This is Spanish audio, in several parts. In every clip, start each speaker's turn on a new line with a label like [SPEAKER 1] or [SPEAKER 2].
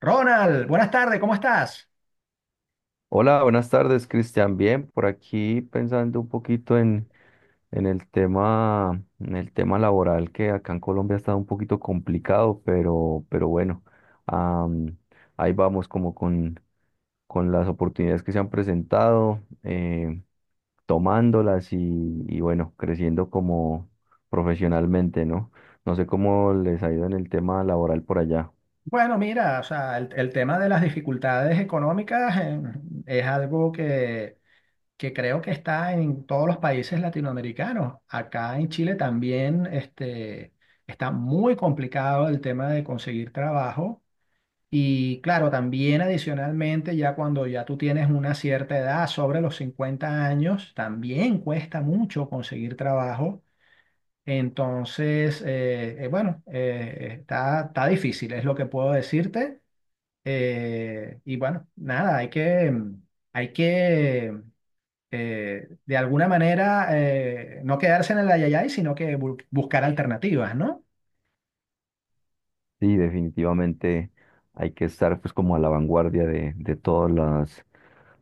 [SPEAKER 1] Ronald, buenas tardes, ¿cómo estás?
[SPEAKER 2] Hola, buenas tardes, Cristian. Bien, por aquí pensando un poquito en el tema, en el tema laboral que acá en Colombia ha estado un poquito complicado, pero bueno, am, ahí vamos como con las oportunidades que se han presentado, tomándolas y bueno, creciendo como profesionalmente, ¿no? No sé cómo les ha ido en el tema laboral por allá.
[SPEAKER 1] Bueno, mira, o sea, el tema de las dificultades económicas, es algo que creo que está en todos los países latinoamericanos. Acá en Chile también, está muy complicado el tema de conseguir trabajo. Y claro, también adicionalmente, ya cuando ya tú tienes una cierta edad, sobre los 50 años, también cuesta mucho conseguir trabajo. Entonces, bueno, está difícil, es lo que puedo decirte. Y bueno, nada, hay que de alguna manera, no quedarse en el ayayay, sino que buscar alternativas, ¿no?
[SPEAKER 2] Sí, definitivamente hay que estar pues como a la vanguardia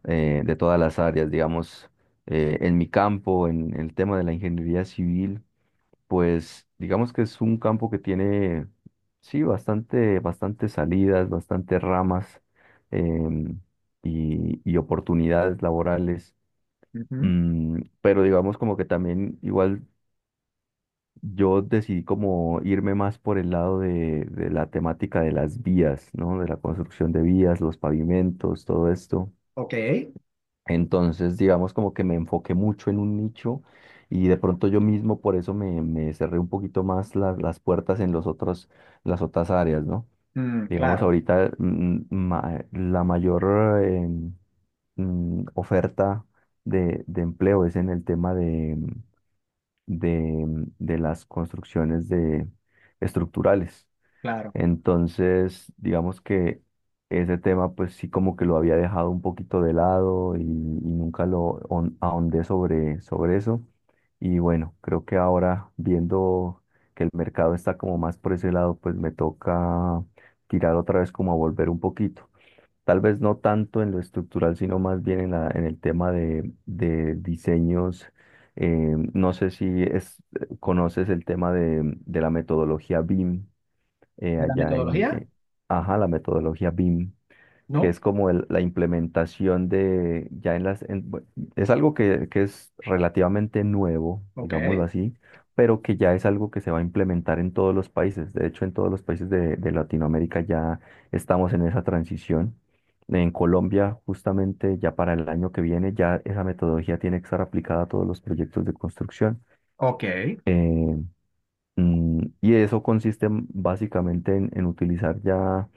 [SPEAKER 2] de todas las áreas, digamos, en mi campo, en, el tema de la ingeniería civil, pues digamos que es un campo que tiene sí bastante salidas, bastantes ramas, em, y oportunidades laborales.
[SPEAKER 1] Ujú.
[SPEAKER 2] Pero digamos como que también igual yo decidí como irme más por el lado de la temática de las vías, ¿no? De la construcción de vías, los pavimentos, todo esto.
[SPEAKER 1] Ok.
[SPEAKER 2] Entonces, digamos como que me enfoqué mucho en un nicho y de pronto yo mismo por eso me, me cerré un poquito más las puertas en los otros, las otras áreas, ¿no?
[SPEAKER 1] Mm,
[SPEAKER 2] Digamos
[SPEAKER 1] claro,
[SPEAKER 2] ahorita, la mayor eh, oferta de empleo es en el tema de, de las construcciones de, estructurales.
[SPEAKER 1] claro.
[SPEAKER 2] Entonces, digamos que ese tema, pues sí como que lo había dejado un poquito de lado y nunca lo ahondé sobre, sobre eso. Y bueno, creo que ahora viendo que el mercado está como más por ese lado, pues me toca tirar otra vez como a volver un poquito. Tal vez no tanto en lo estructural, sino más bien en la, en el tema de diseños. No sé si es, conoces el tema de la metodología BIM,
[SPEAKER 1] ¿De la
[SPEAKER 2] allá en...
[SPEAKER 1] metodología?
[SPEAKER 2] ajá, la metodología BIM, que
[SPEAKER 1] No,
[SPEAKER 2] es como la implementación de, ya en las, es algo que es relativamente nuevo,
[SPEAKER 1] ok,
[SPEAKER 2] digámoslo así, pero que ya es algo que se va a implementar en todos los países. De hecho, en todos los países de Latinoamérica ya estamos en esa transición. En Colombia, justamente ya para el año que viene, ya esa metodología tiene que estar aplicada a todos los proyectos de construcción.
[SPEAKER 1] ok,
[SPEAKER 2] Eh, y eso consiste, básicamente en utilizar ya,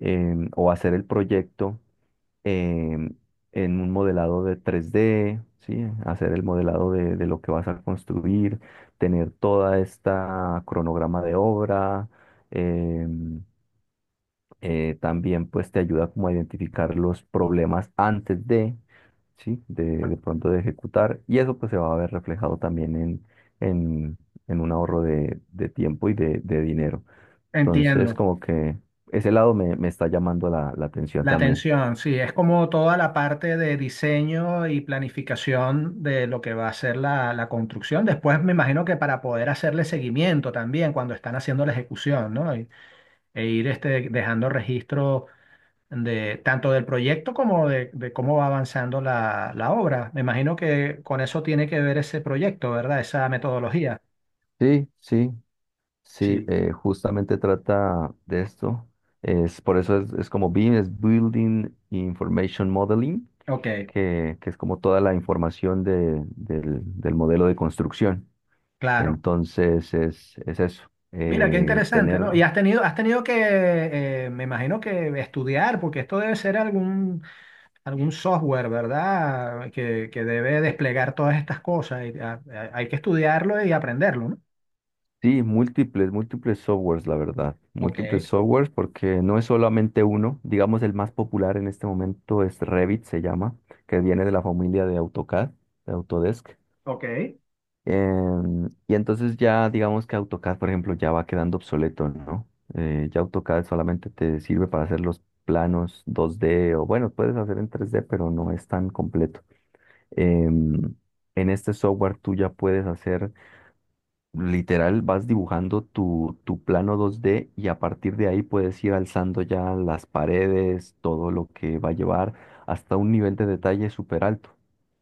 [SPEAKER 2] o hacer el proyecto, em, en un modelado de 3D, ¿sí? Hacer el modelado de lo que vas a construir, tener toda esta cronograma de obra. em, También pues te ayuda como a identificar los problemas antes de, ¿sí? De pronto de ejecutar. Y eso pues se va a ver reflejado también en, en un ahorro de tiempo y de dinero. Entonces
[SPEAKER 1] entiendo.
[SPEAKER 2] como que ese lado me, me está llamando la, la atención
[SPEAKER 1] La
[SPEAKER 2] también.
[SPEAKER 1] atención, sí, es como toda la parte de diseño y planificación de lo que va a ser la construcción. Después me imagino que para poder hacerle seguimiento también cuando están haciendo la ejecución, ¿no? Y ir, dejando registro de tanto del proyecto como de cómo va avanzando la obra. Me imagino que con eso tiene que ver ese proyecto, ¿verdad? Esa metodología.
[SPEAKER 2] Sí, sí. Sí,
[SPEAKER 1] Sí.
[SPEAKER 2] justamente trata de esto. Es, por eso es como BIM, es Building Information Modeling,
[SPEAKER 1] Ok,
[SPEAKER 2] que es como toda la información del, del modelo de construcción.
[SPEAKER 1] claro.
[SPEAKER 2] Entonces es eso,
[SPEAKER 1] Mira, qué interesante, ¿no? Y
[SPEAKER 2] tener,
[SPEAKER 1] has tenido que, me imagino que estudiar, porque esto debe ser algún software, ¿verdad? Que debe desplegar todas estas cosas. Y, hay que estudiarlo y aprenderlo, ¿no?
[SPEAKER 2] sí, múltiples, múltiples softwares, la verdad,
[SPEAKER 1] Ok,
[SPEAKER 2] múltiples softwares, porque no es solamente uno. Digamos, el más popular en este momento es Revit, se llama, que viene de la familia de AutoCAD, de Autodesk.
[SPEAKER 1] ok.
[SPEAKER 2] Y entonces ya digamos que AutoCAD, por ejemplo, ya va quedando obsoleto, ¿no? Ya AutoCAD solamente te sirve para hacer los planos 2D o bueno, puedes hacer en 3D, pero no es tan completo. Em, en este software tú ya puedes hacer, literal, vas dibujando tu, tu plano 2D y a partir de ahí puedes ir alzando ya las paredes, todo lo que va a llevar hasta un nivel de detalle súper alto.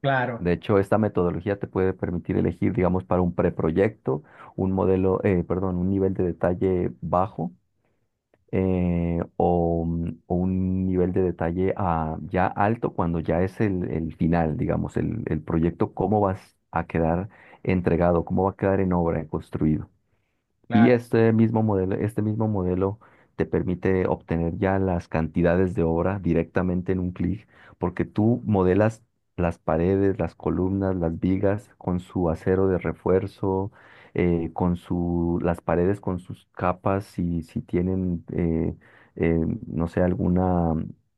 [SPEAKER 1] Claro,
[SPEAKER 2] De hecho, esta metodología te puede permitir elegir, digamos, para un preproyecto, un modelo, perdón, un nivel de detalle bajo, o un nivel de detalle, ya alto cuando ya es el final, digamos, el proyecto, cómo vas a quedar entregado, cómo va a quedar en obra, construido. Y
[SPEAKER 1] claro.
[SPEAKER 2] este mismo modelo te permite obtener ya las cantidades de obra directamente en un clic, porque tú modelas las paredes, las columnas, las vigas con su acero de refuerzo, con su, las paredes con sus capas, si, si tienen, eh, no sé, alguna,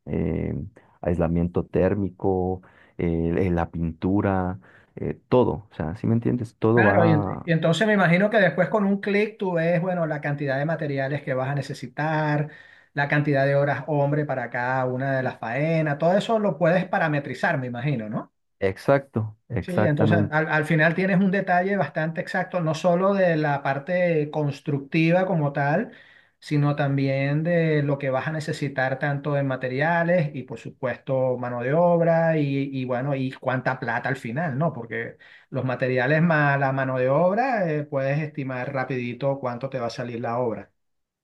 [SPEAKER 2] eh, aislamiento térmico, la pintura, todo, o sea, ¿si me entiendes? Todo
[SPEAKER 1] Claro,
[SPEAKER 2] va.
[SPEAKER 1] y entonces me imagino que después con un clic tú ves, bueno, la cantidad de materiales que vas a necesitar, la cantidad de horas hombre para cada una de las faenas, todo eso lo puedes parametrizar, me imagino, ¿no?
[SPEAKER 2] Exacto,
[SPEAKER 1] Sí, entonces
[SPEAKER 2] exactamente,
[SPEAKER 1] al final tienes un detalle bastante exacto, no solo de la parte constructiva como tal, sino también de lo que vas a necesitar tanto en materiales y por supuesto mano de obra y bueno, y cuánta plata al final, ¿no? Porque los materiales más la mano de obra, puedes estimar rapidito cuánto te va a salir la obra.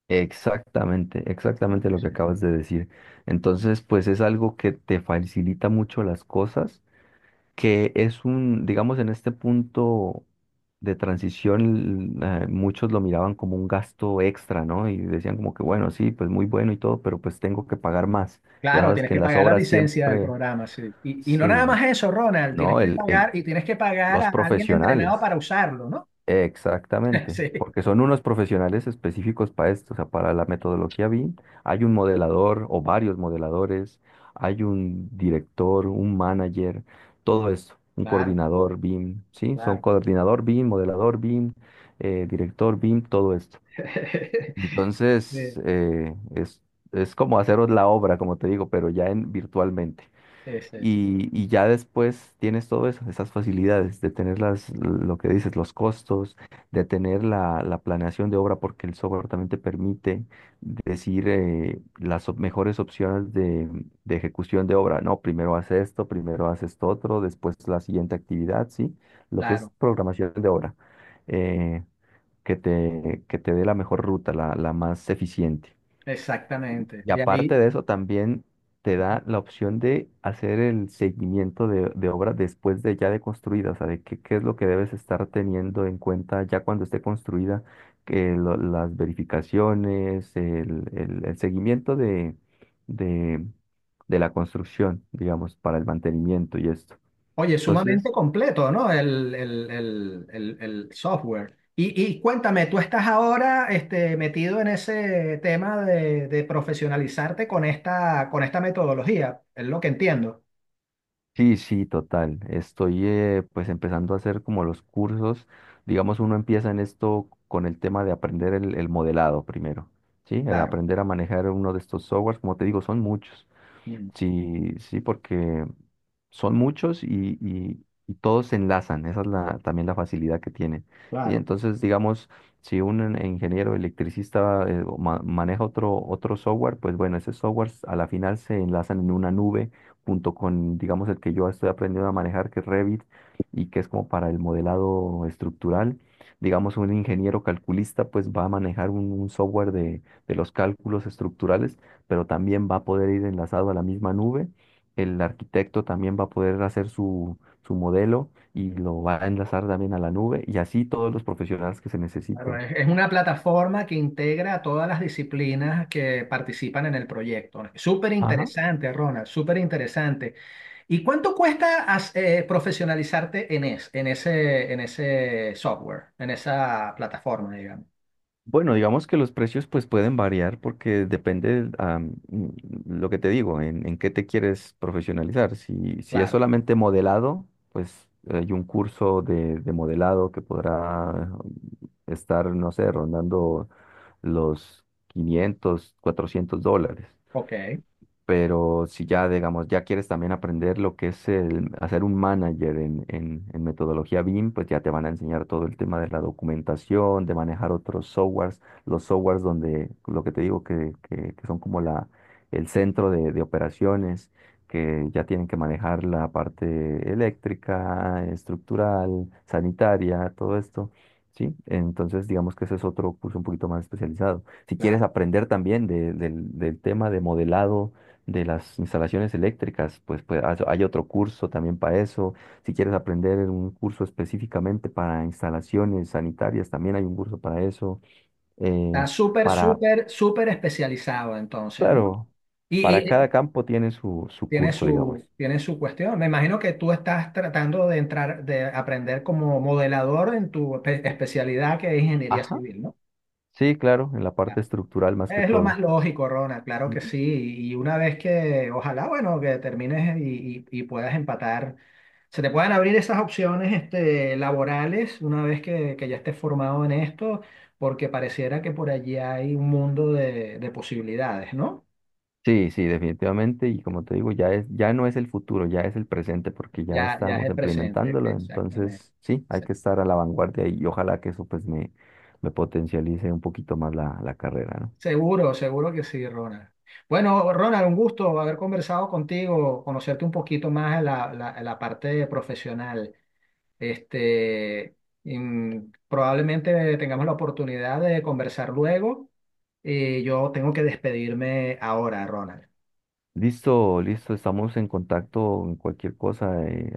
[SPEAKER 2] exactamente,
[SPEAKER 1] Sí,
[SPEAKER 2] exactamente lo que
[SPEAKER 1] sí.
[SPEAKER 2] acabas de decir. Entonces, pues es algo que te facilita mucho las cosas, que es un, digamos, en este punto de transición, muchos lo miraban como un gasto extra, ¿no? Y decían como que, bueno, sí, pues muy bueno y todo, pero pues tengo que pagar más. Ya
[SPEAKER 1] Claro,
[SPEAKER 2] sabes
[SPEAKER 1] tienes
[SPEAKER 2] que en
[SPEAKER 1] que
[SPEAKER 2] las
[SPEAKER 1] pagar la
[SPEAKER 2] obras
[SPEAKER 1] licencia del
[SPEAKER 2] siempre,
[SPEAKER 1] programa, sí. Y no nada
[SPEAKER 2] sí,
[SPEAKER 1] más eso, Ronald, tienes
[SPEAKER 2] ¿no?
[SPEAKER 1] que
[SPEAKER 2] El,
[SPEAKER 1] pagar y tienes que pagar
[SPEAKER 2] los
[SPEAKER 1] a alguien entrenado
[SPEAKER 2] profesionales.
[SPEAKER 1] para usarlo, ¿no?
[SPEAKER 2] Exactamente,
[SPEAKER 1] Sí,
[SPEAKER 2] porque son unos profesionales específicos para esto, o sea, para la metodología BIM hay un modelador o varios modeladores, hay un director, un manager, todo esto, un
[SPEAKER 1] claro,
[SPEAKER 2] coordinador BIM, ¿sí? Son
[SPEAKER 1] claro.
[SPEAKER 2] coordinador BIM, modelador BIM, director BIM, todo esto.
[SPEAKER 1] Eh,
[SPEAKER 2] Entonces, es como haceros la obra, como te digo, pero ya en virtualmente.
[SPEAKER 1] ese,
[SPEAKER 2] Y ya después tienes todo eso, esas facilidades de tener las, lo que dices, los costos, de tener la, la planeación de obra, porque el software también te permite decir, las mejores opciones de ejecución de obra. No, primero haz esto otro, después la siguiente actividad, ¿sí? Lo que es
[SPEAKER 1] claro,
[SPEAKER 2] programación de obra, eh, que te dé la mejor ruta, la más eficiente.
[SPEAKER 1] exactamente.
[SPEAKER 2] Y
[SPEAKER 1] Y
[SPEAKER 2] aparte
[SPEAKER 1] ahí,
[SPEAKER 2] de eso, también te da la opción de hacer el seguimiento de obra después de ya de construida, o sea, de qué, qué es lo que debes estar teniendo en cuenta ya cuando esté construida, que las verificaciones, el, el seguimiento de, de la construcción, digamos, para el mantenimiento y esto.
[SPEAKER 1] oye, sumamente
[SPEAKER 2] Entonces,
[SPEAKER 1] completo, ¿no? El software. Y cuéntame, tú estás ahora, metido en ese tema de profesionalizarte con esta metodología, es lo que entiendo.
[SPEAKER 2] sí, sí, total. Estoy, pues empezando a hacer como los cursos. Digamos, uno empieza en esto con el tema de aprender el modelado primero, ¿sí? El
[SPEAKER 1] Claro,
[SPEAKER 2] aprender a manejar uno de estos softwares, como te digo, son muchos.
[SPEAKER 1] mm,
[SPEAKER 2] Sí, sí, porque son muchos y, y todos se enlazan. Esa es la, también la facilidad que tiene. ¿Sí?
[SPEAKER 1] claro.
[SPEAKER 2] Entonces, digamos, si un ingeniero electricista, o maneja otro, otro software, pues bueno, ese software a la final se enlazan en una nube junto con, digamos, el que yo estoy aprendiendo a manejar, que es Revit, y que es como para el modelado estructural. Digamos, un ingeniero calculista, pues va a manejar un software de los cálculos estructurales pero también va a poder ir enlazado a la misma nube. El arquitecto también va a poder hacer su, su modelo y lo va a enlazar también a la nube y así todos los profesionales que se
[SPEAKER 1] Claro,
[SPEAKER 2] necesiten.
[SPEAKER 1] es una plataforma que integra a todas las disciplinas que participan en el proyecto. Súper
[SPEAKER 2] Ajá.
[SPEAKER 1] interesante, Ronald, súper interesante. ¿Y cuánto cuesta profesionalizarte en, en ese software, en esa plataforma, digamos?
[SPEAKER 2] Bueno, digamos que los precios pues pueden variar porque depende, lo que te digo, en qué te quieres profesionalizar. Si, si es
[SPEAKER 1] Claro,
[SPEAKER 2] solamente modelado, pues hay un curso de modelado que podrá estar, no sé, rondando los 500 $400.
[SPEAKER 1] ok,
[SPEAKER 2] Pero si ya, digamos, ya quieres también aprender lo que es el hacer un manager en metodología BIM, pues ya te van a enseñar todo el tema de la documentación, de manejar otros softwares, los softwares donde, lo que te digo, que son como la, el centro de operaciones, que ya tienen que manejar la parte eléctrica, estructural, sanitaria, todo esto. Sí, entonces digamos que ese es otro curso un poquito más especializado. Si quieres
[SPEAKER 1] claro.
[SPEAKER 2] aprender también del del tema de modelado de las instalaciones eléctricas, pues, pues hay hay otro curso también para eso. Si quieres aprender un curso específicamente para instalaciones sanitarias, también hay un curso para eso.
[SPEAKER 1] Está
[SPEAKER 2] Eh,
[SPEAKER 1] súper,
[SPEAKER 2] para,
[SPEAKER 1] súper, súper especializado entonces, ¿no?
[SPEAKER 2] claro, para
[SPEAKER 1] Y
[SPEAKER 2] cada campo tiene su, su curso, digamos.
[SPEAKER 1] tiene su cuestión. Me imagino que tú estás tratando de entrar, de aprender como modelador en tu especialidad, que es ingeniería
[SPEAKER 2] Ajá.
[SPEAKER 1] civil, ¿no?
[SPEAKER 2] Sí, claro, en la parte
[SPEAKER 1] Claro.
[SPEAKER 2] estructural más que
[SPEAKER 1] Es lo más
[SPEAKER 2] todo.
[SPEAKER 1] lógico, Rona, claro que sí. Y una vez que, ojalá, bueno, que termines y puedas empatar, se te puedan abrir esas opciones, laborales, una vez que ya estés formado en esto, porque pareciera que por allí hay un mundo de posibilidades, ¿no?
[SPEAKER 2] Sí, sí, definitivamente. Y como te digo, ya es, ya no es el futuro, ya es el presente, porque ya
[SPEAKER 1] Ya, ya es
[SPEAKER 2] estamos
[SPEAKER 1] el presente,
[SPEAKER 2] implementándolo.
[SPEAKER 1] exactamente.
[SPEAKER 2] Entonces, sí, hay
[SPEAKER 1] Sí.
[SPEAKER 2] que estar a la vanguardia y ojalá que eso pues me potencialice un poquito más la, la carrera, ¿no?
[SPEAKER 1] Seguro, seguro que sí, Ronald. Bueno, Ronald, un gusto haber conversado contigo, conocerte un poquito más en en la parte profesional. Este, mm, Probablemente tengamos la oportunidad de conversar luego. Y yo tengo que despedirme ahora, Ronald.
[SPEAKER 2] Listo, listo, estamos en contacto en cualquier cosa.